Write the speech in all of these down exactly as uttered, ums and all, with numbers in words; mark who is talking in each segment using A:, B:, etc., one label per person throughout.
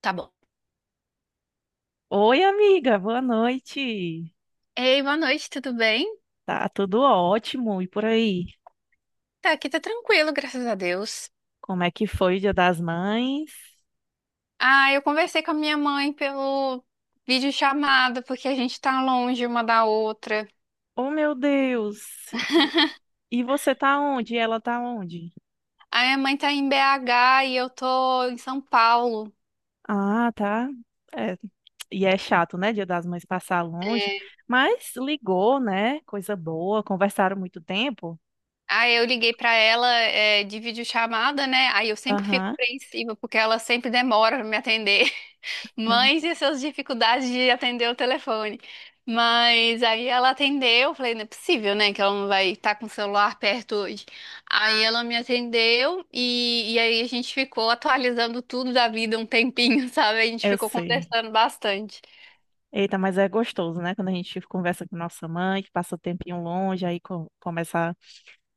A: Tá bom.
B: Oi, amiga, boa noite.
A: Ei, boa noite, tudo bem?
B: Tá tudo ótimo. E por aí?
A: Tá, aqui tá tranquilo, graças a Deus.
B: Como é que foi o Dia das Mães?
A: Ah, eu conversei com a minha mãe pelo videochamada, porque a gente tá longe uma da outra.
B: Oh, meu Deus! E você tá onde? E ela tá onde?
A: A minha mãe tá em B H e eu tô em São Paulo.
B: Ah, tá. É, E é chato, né? Dia das Mães passar longe.
A: É.
B: Mas ligou, né? Coisa boa. Conversaram muito tempo.
A: Aí eu liguei pra ela, é, de videochamada, né? Aí eu sempre fico
B: Aham.
A: apreensiva, porque ela sempre demora pra me atender. Mães e suas dificuldades de atender o telefone. Mas aí ela atendeu, eu falei, não é possível, né, que ela não vai estar com o celular perto hoje. Aí ela me atendeu e, e aí a gente ficou atualizando tudo da vida um tempinho, sabe? A gente
B: Eu
A: ficou
B: sei.
A: conversando bastante.
B: Eita, mas é gostoso, né? Quando a gente conversa com nossa mãe, que passa um tempinho longe, aí co- começa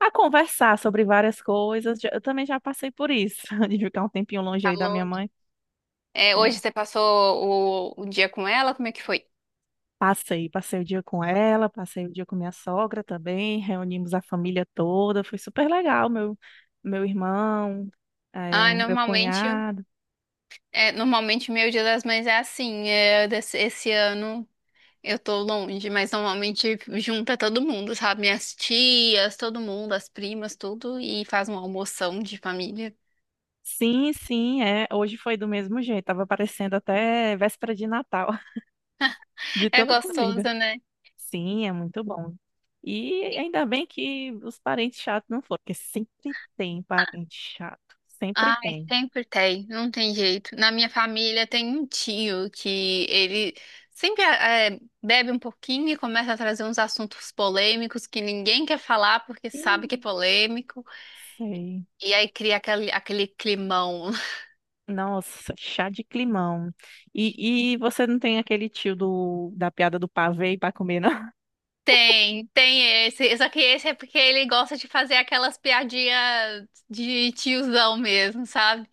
B: a conversar sobre várias coisas. Já- Eu também já passei por isso, de ficar um tempinho longe aí da minha
A: Falou.
B: mãe.
A: É, hoje
B: É,
A: você passou o, o dia com ela? Como é que foi?
B: passei, passei o dia com ela, passei o dia com minha sogra também, reunimos a família toda, foi super legal. Meu, meu irmão,
A: Ah,
B: é, meu
A: normalmente,
B: cunhado.
A: é, normalmente meu Dia das Mães é assim. É, desse- esse ano eu tô longe, mas normalmente junta todo mundo, sabe? Minhas tias, todo mundo, as primas, tudo, e faz uma almoção de família.
B: Sim, sim, é. Hoje foi do mesmo jeito, tava parecendo até véspera de Natal, de
A: É
B: tanta
A: gostoso,
B: comida.
A: né?
B: Sim, é muito bom. E ainda bem que os parentes chatos não foram, porque sempre tem parente chato, sempre
A: Ai,
B: tem.
A: sempre tem, não tem jeito. Na minha família tem um tio que ele sempre eh, bebe um pouquinho e começa a trazer uns assuntos polêmicos que ninguém quer falar porque
B: Ih,
A: sabe que é polêmico,
B: sei.
A: e aí cria aquele, aquele climão.
B: Nossa, chá de climão. E, e você não tem aquele tio do, da piada do pavê para comer, não?
A: Tem, tem esse. Só que esse é porque ele gosta de fazer aquelas piadinhas de tiozão mesmo, sabe?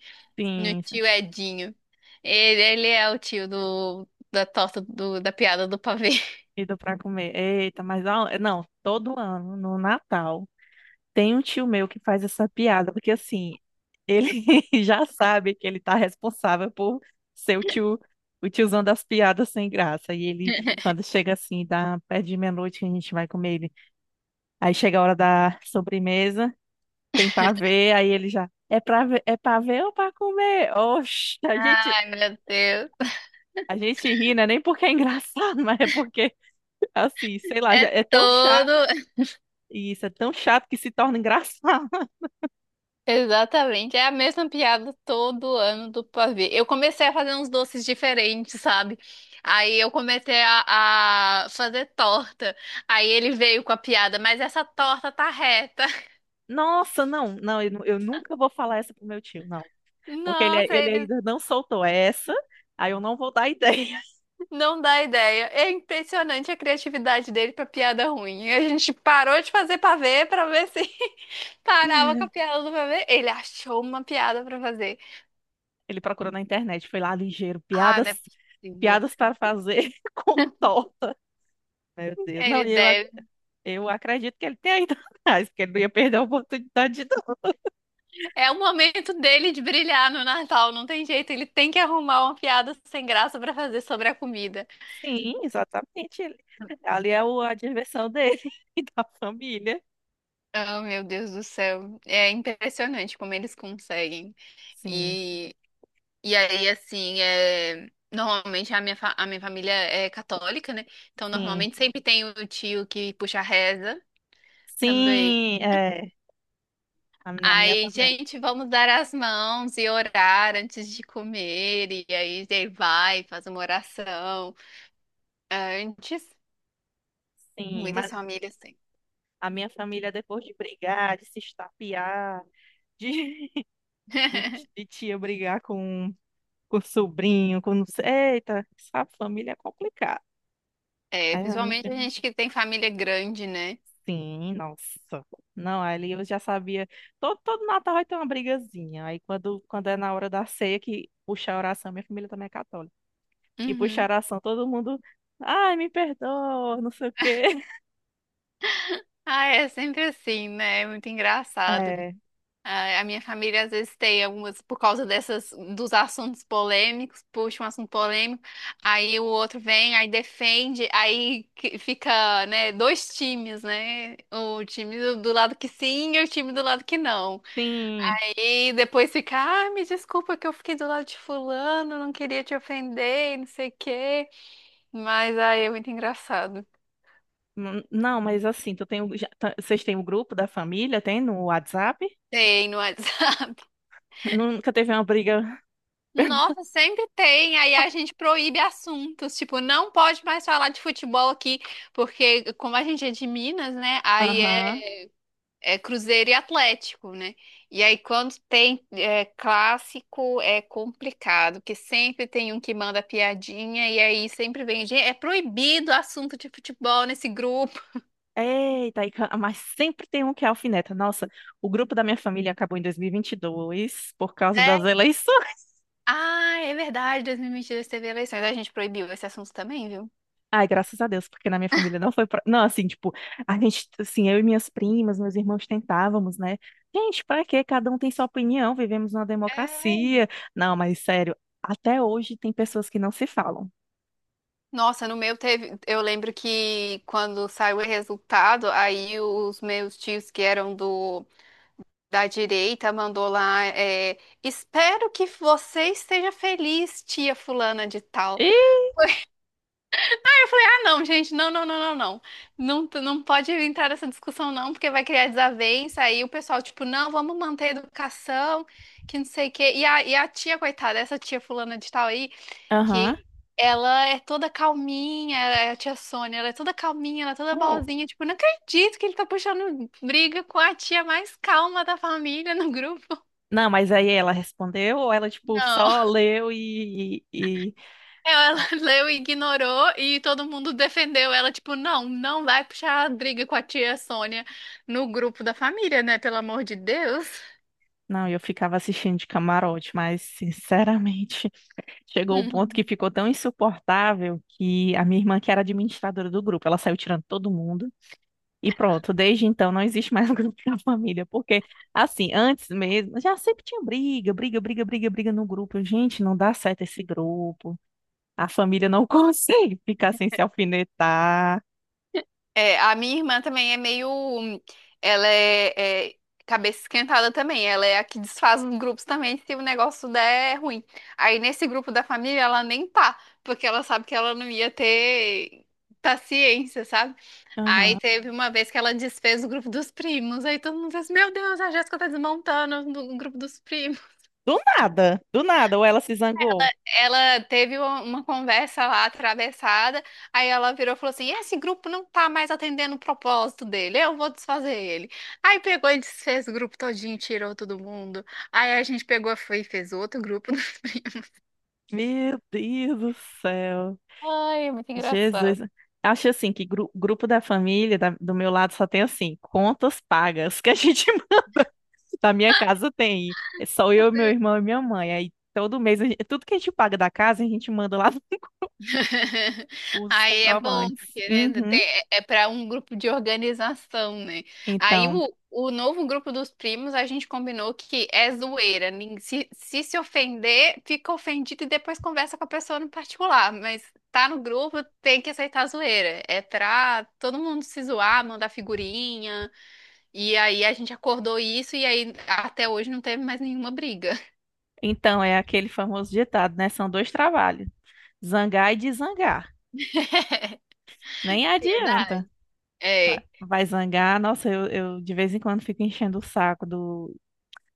A: No
B: Sim,
A: tio Edinho. Ele, ele é o tio do, da torta do, da piada do pavê.
B: e do para comer. Eita, mas ó, não, todo ano, no Natal, tem um tio meu que faz essa piada, porque assim, ele já sabe que ele tá responsável por ser o tio, o tiozão das piadas sem graça. E ele, quando chega assim, dá perto de meia-noite que a gente vai comer ele. Aí chega a hora da sobremesa. Tem pavê, aí ele já, é pra ver, é pra ver ou pra comer? Oxe, a gente,
A: Ai, meu Deus.
B: a gente ri, né? Nem porque é engraçado, mas é porque, assim, sei lá, já
A: É
B: é tão chato,
A: todo.
B: isso, é tão chato que se torna engraçado.
A: Exatamente. É a mesma piada todo ano do pavê. Eu comecei a fazer uns doces diferentes, sabe? Aí eu comecei a, a fazer torta. Aí ele veio com a piada, mas essa torta tá reta.
B: Nossa, não, não, eu, nu- eu nunca vou falar essa pro meu tio, não. Porque ele,
A: Nossa,
B: ele
A: ele
B: ainda não soltou essa, aí eu não vou dar ideia.
A: não dá ideia. É impressionante a criatividade dele pra piada ruim. A gente parou de fazer pavê pra ver se parava com a piada do pavê. Ele achou uma piada pra fazer.
B: Ele procurou na internet, foi lá ligeiro,
A: Ah,
B: piadas,
A: não é possível.
B: piadas para fazer com torta. Meu Deus, não,
A: Ele
B: e eu, ac-
A: deve.
B: eu acredito que ele tenha ido atrás, porque ele não ia perder a oportunidade de
A: É o momento dele de brilhar no Natal, não tem jeito. Ele tem que arrumar uma piada sem graça pra fazer sobre a comida.
B: Sim, exatamente. Ele- Ali é o- a diversão dele e da família.
A: Oh, meu Deus do céu. É impressionante como eles conseguem.
B: Sim,
A: E e aí, assim, é... normalmente a minha, fa- a minha família é católica, né? Então,
B: sim.
A: normalmente sempre tem o tio que puxa a reza também.
B: Sim, é. a- Na minha
A: Aí,
B: também.
A: gente, vamos dar as mãos e orar antes de comer. E aí, ele vai, faz uma oração. Antes,
B: Sim,
A: muitas
B: mas
A: famílias têm.
B: a minha família, depois de brigar, de se estapear, de, de, de tia brigar com, com sobrinho, com não sei. Eita, essa família é complicada.
A: É, principalmente a gente que tem família grande, né?
B: Sim, nossa. Não, ali eu já sabia. Todo, todo Natal vai ter uma brigazinha. Aí quando, quando é na hora da ceia que puxa a oração, minha família também é católica. E puxa a
A: Uhum.
B: oração, todo mundo. Ai, me perdoa, não sei o quê.
A: Ah, é sempre assim, né? É muito engraçado.
B: É,
A: A a minha família às vezes tem algumas, por causa dessas, dos assuntos polêmicos, puxa um assunto polêmico, aí o outro vem, aí defende, aí que- fica, né, dois times, né? O time do do lado que sim e o time do lado que não.
B: sim.
A: Aí depois fica, ah, me desculpa que eu fiquei do lado de fulano, não queria te ofender, e não sei o quê. Mas aí é muito engraçado.
B: N- Não, mas assim, tu tem, o- já, tá- vocês têm o grupo da família, tem no WhatsApp?
A: Tem no WhatsApp.
B: Nunca teve uma briga.
A: Nossa, sempre tem. Aí a gente proíbe assuntos, tipo, não pode mais falar de futebol aqui, porque como a gente é de Minas, né? Aí
B: Aham.
A: é, é Cruzeiro e Atlético, né? E aí quando tem é, clássico é complicado, porque sempre tem um que manda piadinha e aí sempre vem, gente, é proibido assunto de futebol nesse grupo,
B: Eita, e ca- mas sempre tem um que é alfineta. Nossa, o grupo da minha família acabou em dois mil e vinte e dois por causa
A: né?
B: das eleições.
A: Ah, é verdade, dois mil e vinte e dois teve eleições, a gente proibiu esse assunto também, viu?
B: Ai, graças a Deus, porque na minha família não foi. Pra... Não, assim, tipo, a gente, assim, eu e minhas primas, meus irmãos tentávamos, né? Gente, pra quê? Cada um tem sua opinião, vivemos numa democracia. Não, mas sério, até hoje tem pessoas que não se falam.
A: Nossa, no meu teve. Eu lembro que quando saiu o resultado, aí os meus tios que eram do da direita mandou lá. é, Espero que você esteja feliz, tia fulana de tal.
B: Ih,
A: Foi, ah, não, gente, não, não, não, não, não. Não, tu não pode entrar nessa discussão, não, porque vai criar desavença. Aí o pessoal, tipo, não, vamos manter a educação, que não sei o quê. E a, e a tia, coitada, essa tia fulana de tal aí
B: aham,
A: que ela é toda calminha, é a tia Sônia, ela é toda calminha, ela é toda
B: oh,
A: boazinha, tipo, não acredito que ele tá puxando briga com a tia mais calma da família no grupo.
B: não, mas aí ela respondeu, ou ela, tipo,
A: Não.
B: só leu e, e... e-
A: Ela leu e ignorou e todo mundo defendeu ela, tipo, não, não vai puxar briga com a tia Sônia no grupo da família, né? Pelo amor de Deus.
B: Não, eu ficava assistindo de camarote, mas, sinceramente, chegou o ponto
A: Hum.
B: que ficou tão insuportável que a minha irmã, que era administradora do grupo, ela saiu tirando todo mundo. E pronto, desde então não existe mais o grupo da família, porque assim, antes mesmo, já sempre tinha briga, briga, briga, briga, briga no grupo. Eu, Gente, não dá certo esse grupo. A família não consegue ficar sem se alfinetar.
A: É, a minha irmã também é meio. Ela é, é cabeça esquentada também. Ela é a que desfaz os grupos também se o negócio der ruim. Aí nesse grupo da família ela nem tá, porque ela sabe que ela não ia ter paciência, sabe? Aí
B: Aham.
A: teve uma vez que ela desfez o grupo dos primos. Aí todo mundo fez: Meu Deus, a Jéssica tá desmontando o grupo dos primos.
B: Do nada, do nada, ou ela se zangou.
A: Ela teve uma uma conversa lá atravessada, aí ela virou e falou assim: Esse grupo não tá mais atendendo o propósito dele, eu vou desfazer ele. Aí pegou e desfez o grupo todinho, tirou todo mundo. Aí a gente pegou foi e fez outro grupo.
B: Meu Deus do céu.
A: Ai, é muito engraçado.
B: Jesus. Acho assim que gru- grupo da família da- do meu lado só tem assim, contas pagas, que a gente Na minha casa tem. É só eu, meu irmão e minha mãe. Aí todo mês, a gente- tudo que a gente paga da casa, a gente manda lá os
A: Aí é bom,
B: comprovantes.
A: porque né,
B: Uhum.
A: tem- é para um grupo de organização, né? Aí
B: Então,
A: o, o novo grupo dos primos, a gente combinou que é zoeira. Nin- Se, se se ofender, fica ofendido e depois conversa com a pessoa no particular. Mas tá no grupo, tem que aceitar a zoeira. É pra todo mundo se zoar, mandar figurinha. E aí a gente acordou isso e aí até hoje não teve mais nenhuma briga.
B: então é aquele famoso ditado, né? São dois trabalhos: zangar e desangar. Nem adianta.
A: Piedade.
B: Vai
A: É.
B: vai zangar, nossa, eu, eu de vez em quando fico enchendo o saco do,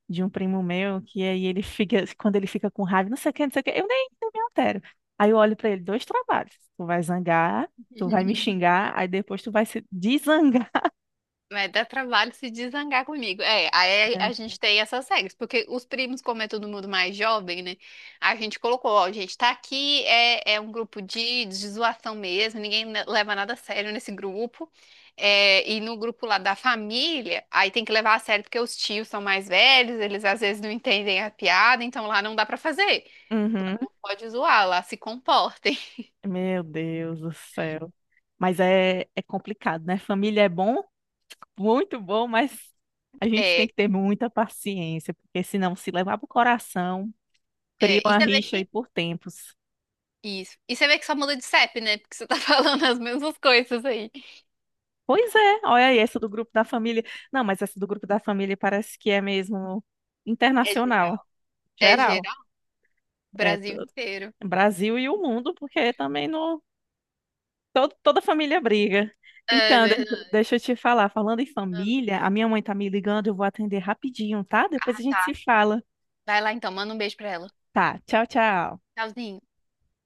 B: de um primo meu, que aí ele fica, quando ele fica com raiva, não sei o que, não sei o que, eu nem, nem me altero. Aí eu olho pra ele, dois trabalhos. Tu vai zangar, tu vai me xingar, aí depois tu vai se desangar.
A: Vai dar trabalho se desangar comigo. É, aí a
B: É.
A: gente tem essas regras, porque os primos, como é todo mundo mais jovem, né? A gente colocou, ó, gente, tá aqui, é, é um grupo de, de zoação mesmo, ninguém ne- leva nada a sério nesse grupo. É, e no grupo lá da família, aí tem que levar a sério, porque os tios são mais velhos, eles às vezes não entendem a piada, então lá não dá pra fazer.
B: Uhum.
A: Pode zoar, lá se comportem.
B: Meu Deus do céu. Mas é, é complicado, né? Família é bom, muito bom, mas a gente tem
A: É,
B: que ter muita paciência, porque senão se levar pro coração, cria
A: é, e
B: uma
A: você vê
B: rixa aí
A: que.
B: por tempos.
A: Isso. E você vê que só muda de CEP, né? Porque você tá falando as mesmas coisas aí.
B: Pois é, olha aí, essa do grupo da família. Não, mas essa do grupo da família parece que é mesmo
A: É
B: internacional,
A: geral. É
B: geral.
A: geral.
B: É t-
A: Brasil inteiro.
B: Brasil e o mundo, porque também no, todo, toda família briga.
A: É
B: Então, de-
A: verdade.
B: deixa eu te falar, falando em família, a minha mãe tá me ligando, eu vou atender rapidinho, tá? Depois a
A: Ah,
B: gente
A: tá.
B: se fala.
A: Vai lá então, manda um beijo pra ela.
B: Tá, tchau, tchau.
A: Tchauzinho.